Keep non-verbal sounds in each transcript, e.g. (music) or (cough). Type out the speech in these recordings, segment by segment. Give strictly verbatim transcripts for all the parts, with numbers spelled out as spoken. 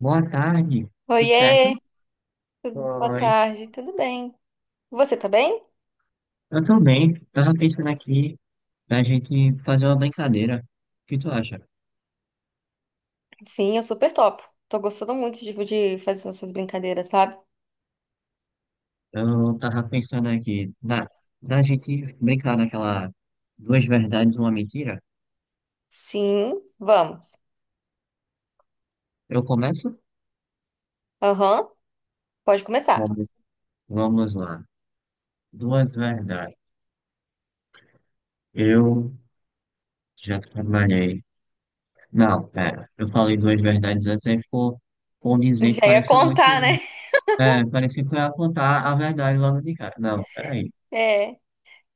Boa tarde, tudo certo? Oiê, tudo- boa Oi. tarde, tudo bem? Você tá bem? Eu tô bem. Tava pensando aqui da gente fazer uma brincadeira. O que tu acha? Sim, eu super topo. Tô gostando muito tipo, de fazer essas brincadeiras, sabe? Eu tava pensando aqui da, da gente brincar daquela duas verdades, uma mentira. Sim, vamos. Eu começo? Aham, pode começar. Vamos, vamos lá. Duas verdades. Eu já trabalhei. Não, pera. Eu falei duas verdades antes, aí ficou (laughs) condizente, Já ia pareceu muito. que contar, eu- né? (laughs) É, parecia que eu ia contar a verdade logo de cara. Não, peraí. É,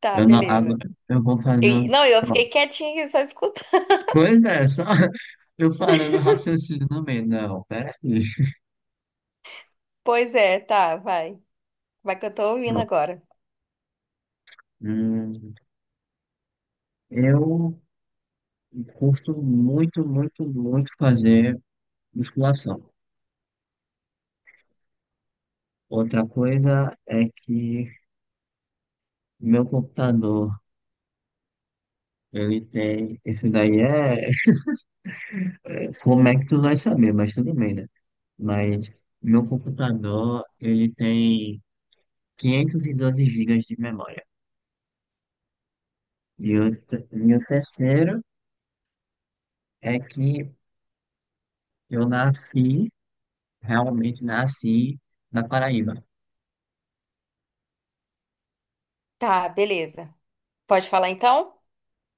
tá, Eu não, beleza. agora eu vou fazer E- um. não, eu Pronto. fiquei quietinha aqui só escutando. Pois é, só (laughs) eu parando o raciocínio no meio. Não, peraí. (laughs) Pois é, tá, vai. Vai que eu tô ouvindo Pronto. agora. Hum, eu curto muito, muito, muito fazer musculação. Outra coisa é que meu computador, ele tem. Esse daí é. Como é que tu vai saber, mas tudo bem, né? Mas meu computador, ele tem quinhentos e doze gigas de memória. E o, te- e o terceiro. É que eu nasci, realmente nasci na Paraíba. Tá, beleza. Pode falar então?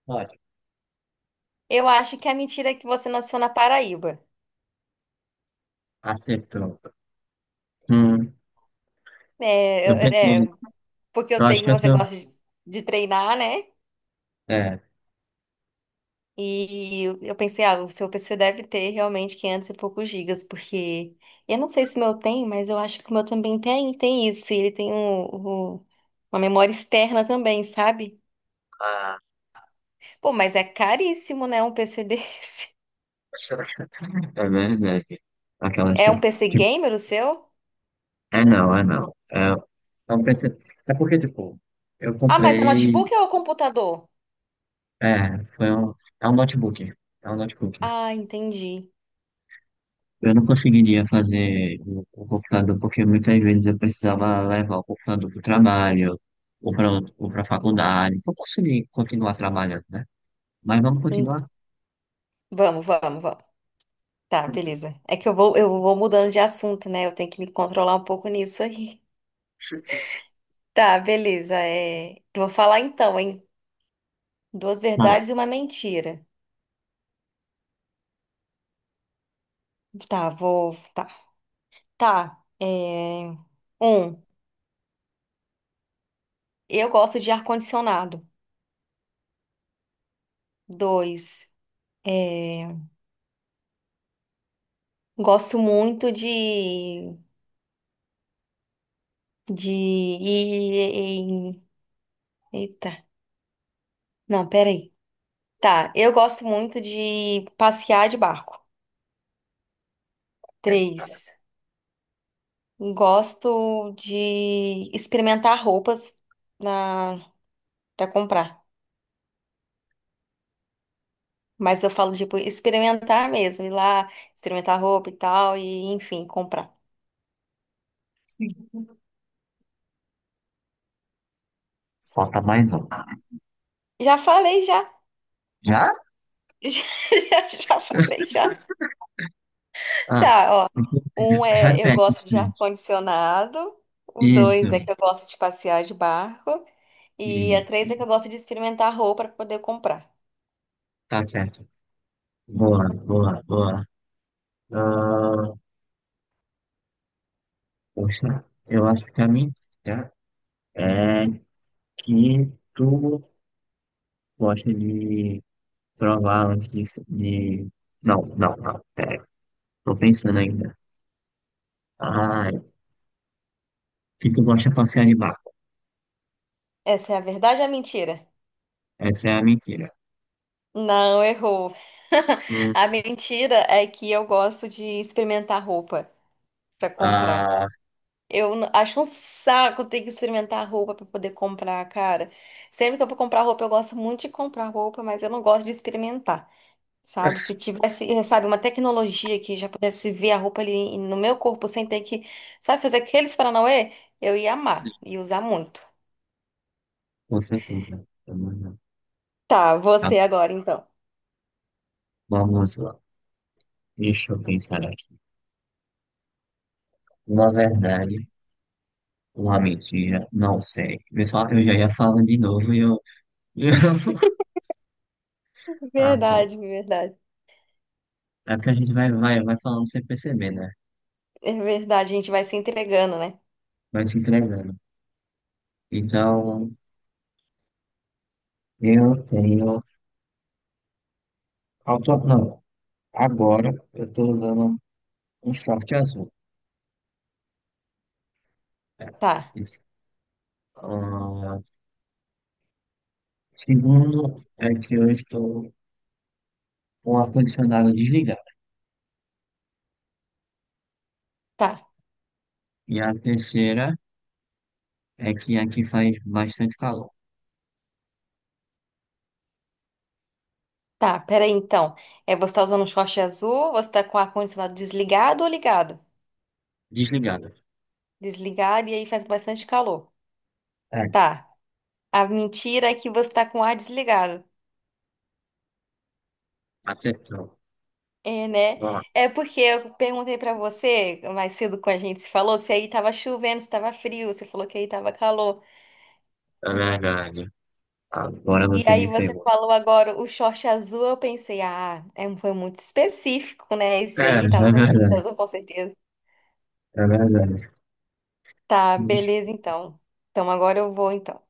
Ótimo. Eu acho que a mentira é que você nasceu na Paraíba. Acertou. Hum, É, eu eu- pensei, é, porque eu eu sei acho que que eu você sou. gosta de de treinar, né? É, E eu eu pensei, ah, o seu P C deve ter realmente quinhentos e poucos gigas, porque eu não sei se o meu tem, mas eu acho que o meu também tem, tem isso. e Ele tem um, um- uma memória externa também, sabe? ah, Pô, mas é caríssimo, né, um P C desse. (laughs) (laughs) é verdade. Aquelas É que. um P C Tipo, gamer o seu? é não, é não. É, eu pensei, é porque, tipo, eu Ah, mas é comprei. notebook ou computador? É, foi um. É um notebook. É um notebook. Ah, entendi. Eu não conseguiria fazer o, o computador porque muitas vezes eu precisava levar o computador para o trabalho ou para ou para a faculdade. Para conseguir continuar trabalhando, né? Mas vamos Em- continuar? Vamos, vamos, vamos. Tá, beleza. É que eu vou, eu vou mudando de assunto, né? Eu tenho que me controlar um pouco nisso aí. (laughs) Tá, beleza. É... Vou falar então, hein? Duas Não. verdades e uma mentira. Tá, vou. Tá. Tá. É... Um, eu gosto de ar-condicionado. Dois, é... gosto muito de. De. e- e- Eita. Não, peraí. Tá, eu gosto muito de passear de barco. Três, gosto de experimentar roupas na... pra comprar. Mas eu falo, tipo, experimentar mesmo, ir lá, experimentar roupa e tal, e enfim, comprar. Sim. Falta mais um. Já falei, já. (laughs) Já? Já, já, já falei, já. Ah, Tá, ó. Um (laughs) é eu repete os. gosto de ar-condicionado. O dois é Isso, que eu gosto de passear de barco. E a três isso. é que eu gosto de experimentar roupa para poder comprar. Tá certo. Boa, boa, boa. Ah, poxa, eu acho que a minha dica é que tu gosta de provar antes de, de... Não, não, não. Pera, tô pensando ainda. Ah, que tu gosta de passear de barco. Essa é a verdade ou a mentira? Essa é a mentira. Não, errou. (laughs) Hum, A mentira é que eu gosto de experimentar roupa para comprar. ah, Eu n- acho um saco ter que experimentar roupa para poder comprar, cara. Sempre que eu vou comprar roupa, eu gosto muito de comprar roupa, mas eu não gosto de experimentar, sabe? Se tivesse, eh, sabe, uma tecnologia que já pudesse ver a roupa ali no meu corpo sem ter que, sabe, fazer aqueles paranauê, eu ia amar e usar muito. com certeza. Vamos lá. Tá, Tá, você agora então. vamos lá. Deixa eu pensar aqui. Uma verdade, uma mentira, não sei. Pessoal, eu já ia falando de novo e eu. (laughs) e eu- Ah, ok. Verdade, verdade. É porque a gente vai, vai, vai falando sem perceber, né? É verdade, a gente vai se entregando, né? Vai se entregando. Então, eu tenho. Auto- Não, agora eu tô usando um short azul. É, Tá, isso. Ah, segundo, é que eu estou com o ar-condicionado desligado. tá, E a terceira. É que aqui faz bastante calor. tá. Peraí então. É, você tá usando um short azul, você tá com o ar-condicionado desligado ou ligado? Desligada. Desligado e aí faz bastante calor. É, Tá. A mentira é que você tá com o ar desligado. acertou. É, né? Ó, É porque eu perguntei pra você mais cedo quando a gente se falou se aí tava chovendo, se tava frio, você falou que aí tava calor. é verdade. Agora E você aí me você pegou. falou agora o short azul, eu pensei, ah, é, um, foi muito específico, né? Esse É, aí tá é usando short verdade. azul com certeza. É verdade. Tá, beleza então. Então agora eu vou então.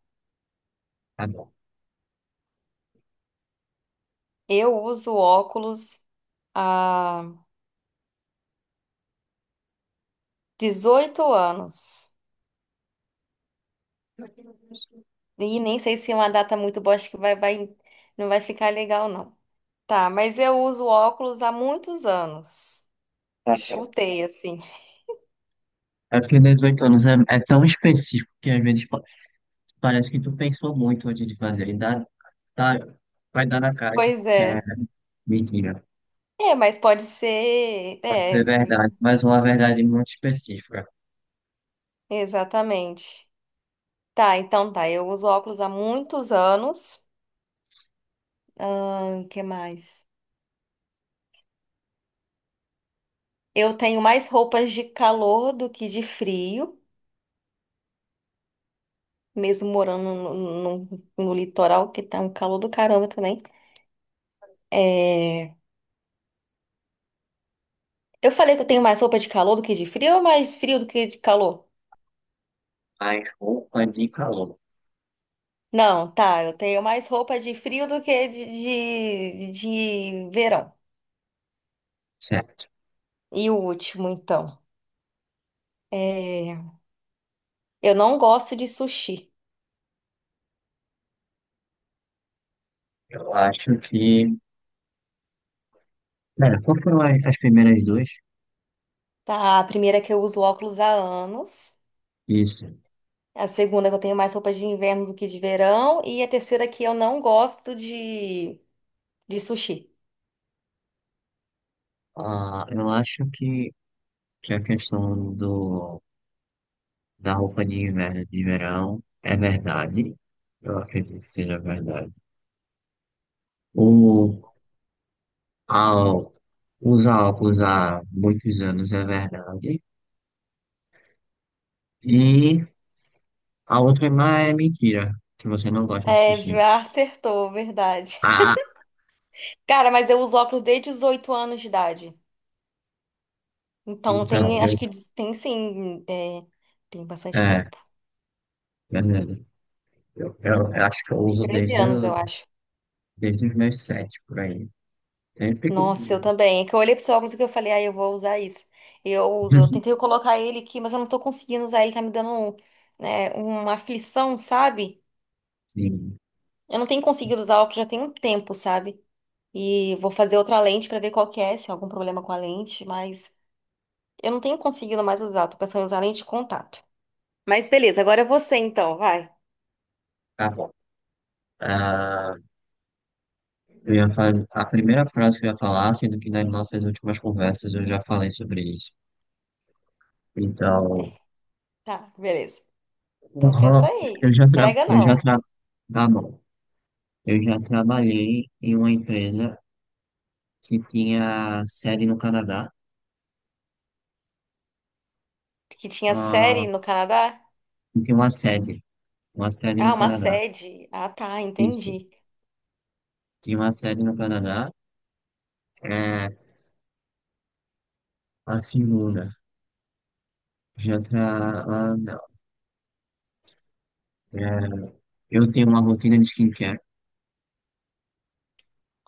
Tá bom. Eu uso óculos há dezoito anos. E nem sei se é uma data muito boa, acho que vai, vai, não vai ficar legal, não. Tá, mas eu uso óculos há muitos anos. Tá certo. Chutei, assim. É porque dezoito anos é, é tão específico que às vezes pa- parece que tu pensou muito antes de fazer. E dá, tá, vai dar na cara que, Pois que é é. mentira. É, mas pode ser. Pode ser É, verdade, mas uma verdade muito específica. exatamente. Tá, então tá. Eu uso óculos há muitos anos. Ahn, que mais? Eu tenho mais roupas de calor do que de frio, mesmo morando no, no, no litoral, que tá um calor do caramba também. É. Eu falei que eu tenho mais roupa de calor do que de frio ou mais frio do que de calor? Mas roupa de calor. Não, tá, eu tenho mais roupa de frio do que de, de, de verão. Certo. E o último, então. É, Eu não gosto de sushi, Eu acho que Cara, qual foram as, as primeiras duas? tá? A primeira é que eu uso óculos há anos. Isso. A segunda é que eu tenho mais roupa de inverno do que de verão. E a terceira é que eu não gosto de, de sushi. Ah, eu acho que, que a questão do, da roupa de inverno e de verão é verdade. Eu acredito que seja verdade. O, ao, usar óculos há muitos anos é verdade. E a outra é mais é mentira, que você não gosta de É, sushi. acertou, verdade. Ah, (laughs) Cara, mas eu uso óculos desde os oito anos de idade. Então então, tem, acho eu, que diz- tem sim, é, tem bastante é, tempo. verdade. Eu, eu, eu acho que eu Tem uso treze desde, anos, eu acho. desde os meus sete, por aí. Sempre Nossa, eu pequenininho. também. É que eu olhei pro seu óculos e que eu falei, ah, eu vou usar isso. Eu uso, eu (laughs) tentei colocar ele aqui, mas eu não tô conseguindo usar ele, tá me dando, né, uma aflição, sabe? Sim, Eu não tenho conseguido usar óculos já tem um tempo, sabe? E vou fazer outra lente pra ver qual que é, se há algum problema com a lente, mas eu não tenho conseguido mais usar, tô pensando em usar lente de contato. Mas beleza, agora é você então, vai. tá bom. Ah, eu ia fazer a primeira frase que eu ia falar, sendo que nas nossas últimas conversas eu já falei sobre isso. Então, (laughs) Tá, beleza. o Então RAM, pensa aí, eu se já tra... entrega eu já não. tra... tá bom. Eu já trabalhei em uma empresa que tinha sede no Canadá. Que tinha Ah, série no Canadá? e tinha uma sede, uma sede no Ah, uma Canadá. sede. Ah, tá, Isso, entendi. tinha uma sede no Canadá. É, a segunda, já tra... ah, não. É, eu tenho uma rotina de skincare.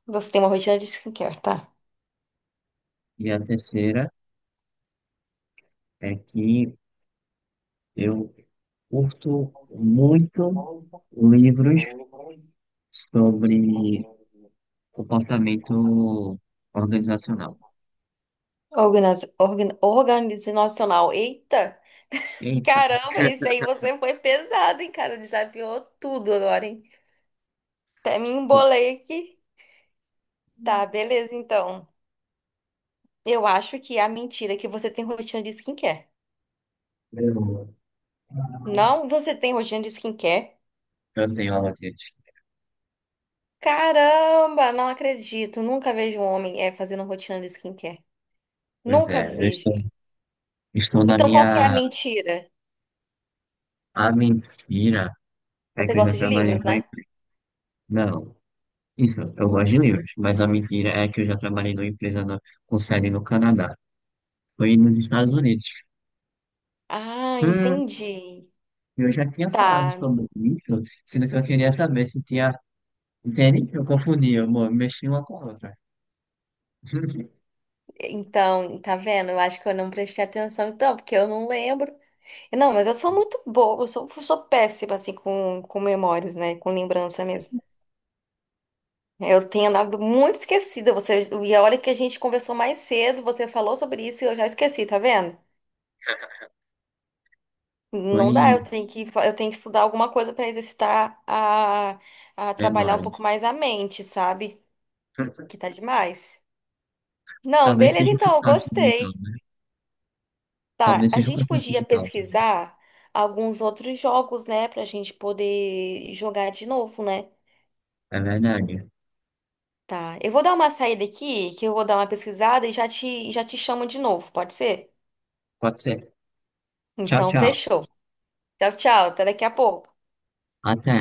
Você tem uma rotina de skincare, tá? E a terceira é que eu curto muito livros sobre comportamento organizacional. Organiz... Organ... Organizacional. Eita! Eita, Caramba, isso aí você foi pesado, hein, cara? Desafiou tudo agora, hein? Até me embolei aqui. Tá, beleza, então. Eu acho que é a mentira é que você tem rotina de skincare. eu, Não, você tem rotina de skincare? eu tenho alergias. Caramba, não acredito. Nunca vejo um homem é, fazendo rotina de skincare. Pois Nunca é, eu vi, estou, gente. estou na Então, qual que é a minha. mentira? A mentira é Você que eu já gosta de trabalhei livros, numa né? empresa. Não, isso, eu gosto de livros, mas a mentira é que eu já trabalhei numa empresa no, com sede no Canadá. Foi nos Estados Unidos. Ah, Hum. entendi. Eu já tinha falado Tá. sobre isso, sendo que eu queria saber se tinha. Entende? Eu confundi, eu mo- mexi uma com a outra. (laughs) Então, tá vendo? Eu acho que eu não prestei atenção, então, porque eu não lembro. Não, mas eu sou muito boa, eu sou, sou péssima, assim, com, com memórias, né? Com lembrança mesmo. Eu tenho andado muito esquecida. Você, e a hora que a gente conversou mais cedo, você falou sobre isso e eu já esqueci, tá vendo? Foi Não dá, eu em tenho que, fa- eu tenho que estudar alguma coisa para exercitar a, a trabalhar um memória. pouco mais a mente, sabe? Que tá demais. Não, Talvez beleza, seja um então, eu cansaço mental, gostei. né? Tá, Talvez a seja um gente cansaço podia mental também. pesquisar alguns outros jogos, né, pra gente poder jogar de novo, né? É verdade. Tá, eu vou dar uma saída aqui, que eu vou dar uma pesquisada e já te, já te chamo de novo, pode ser? Pode ser. Tchau, Então, tchau. fechou. Tchau, tchau, até daqui a pouco. Até.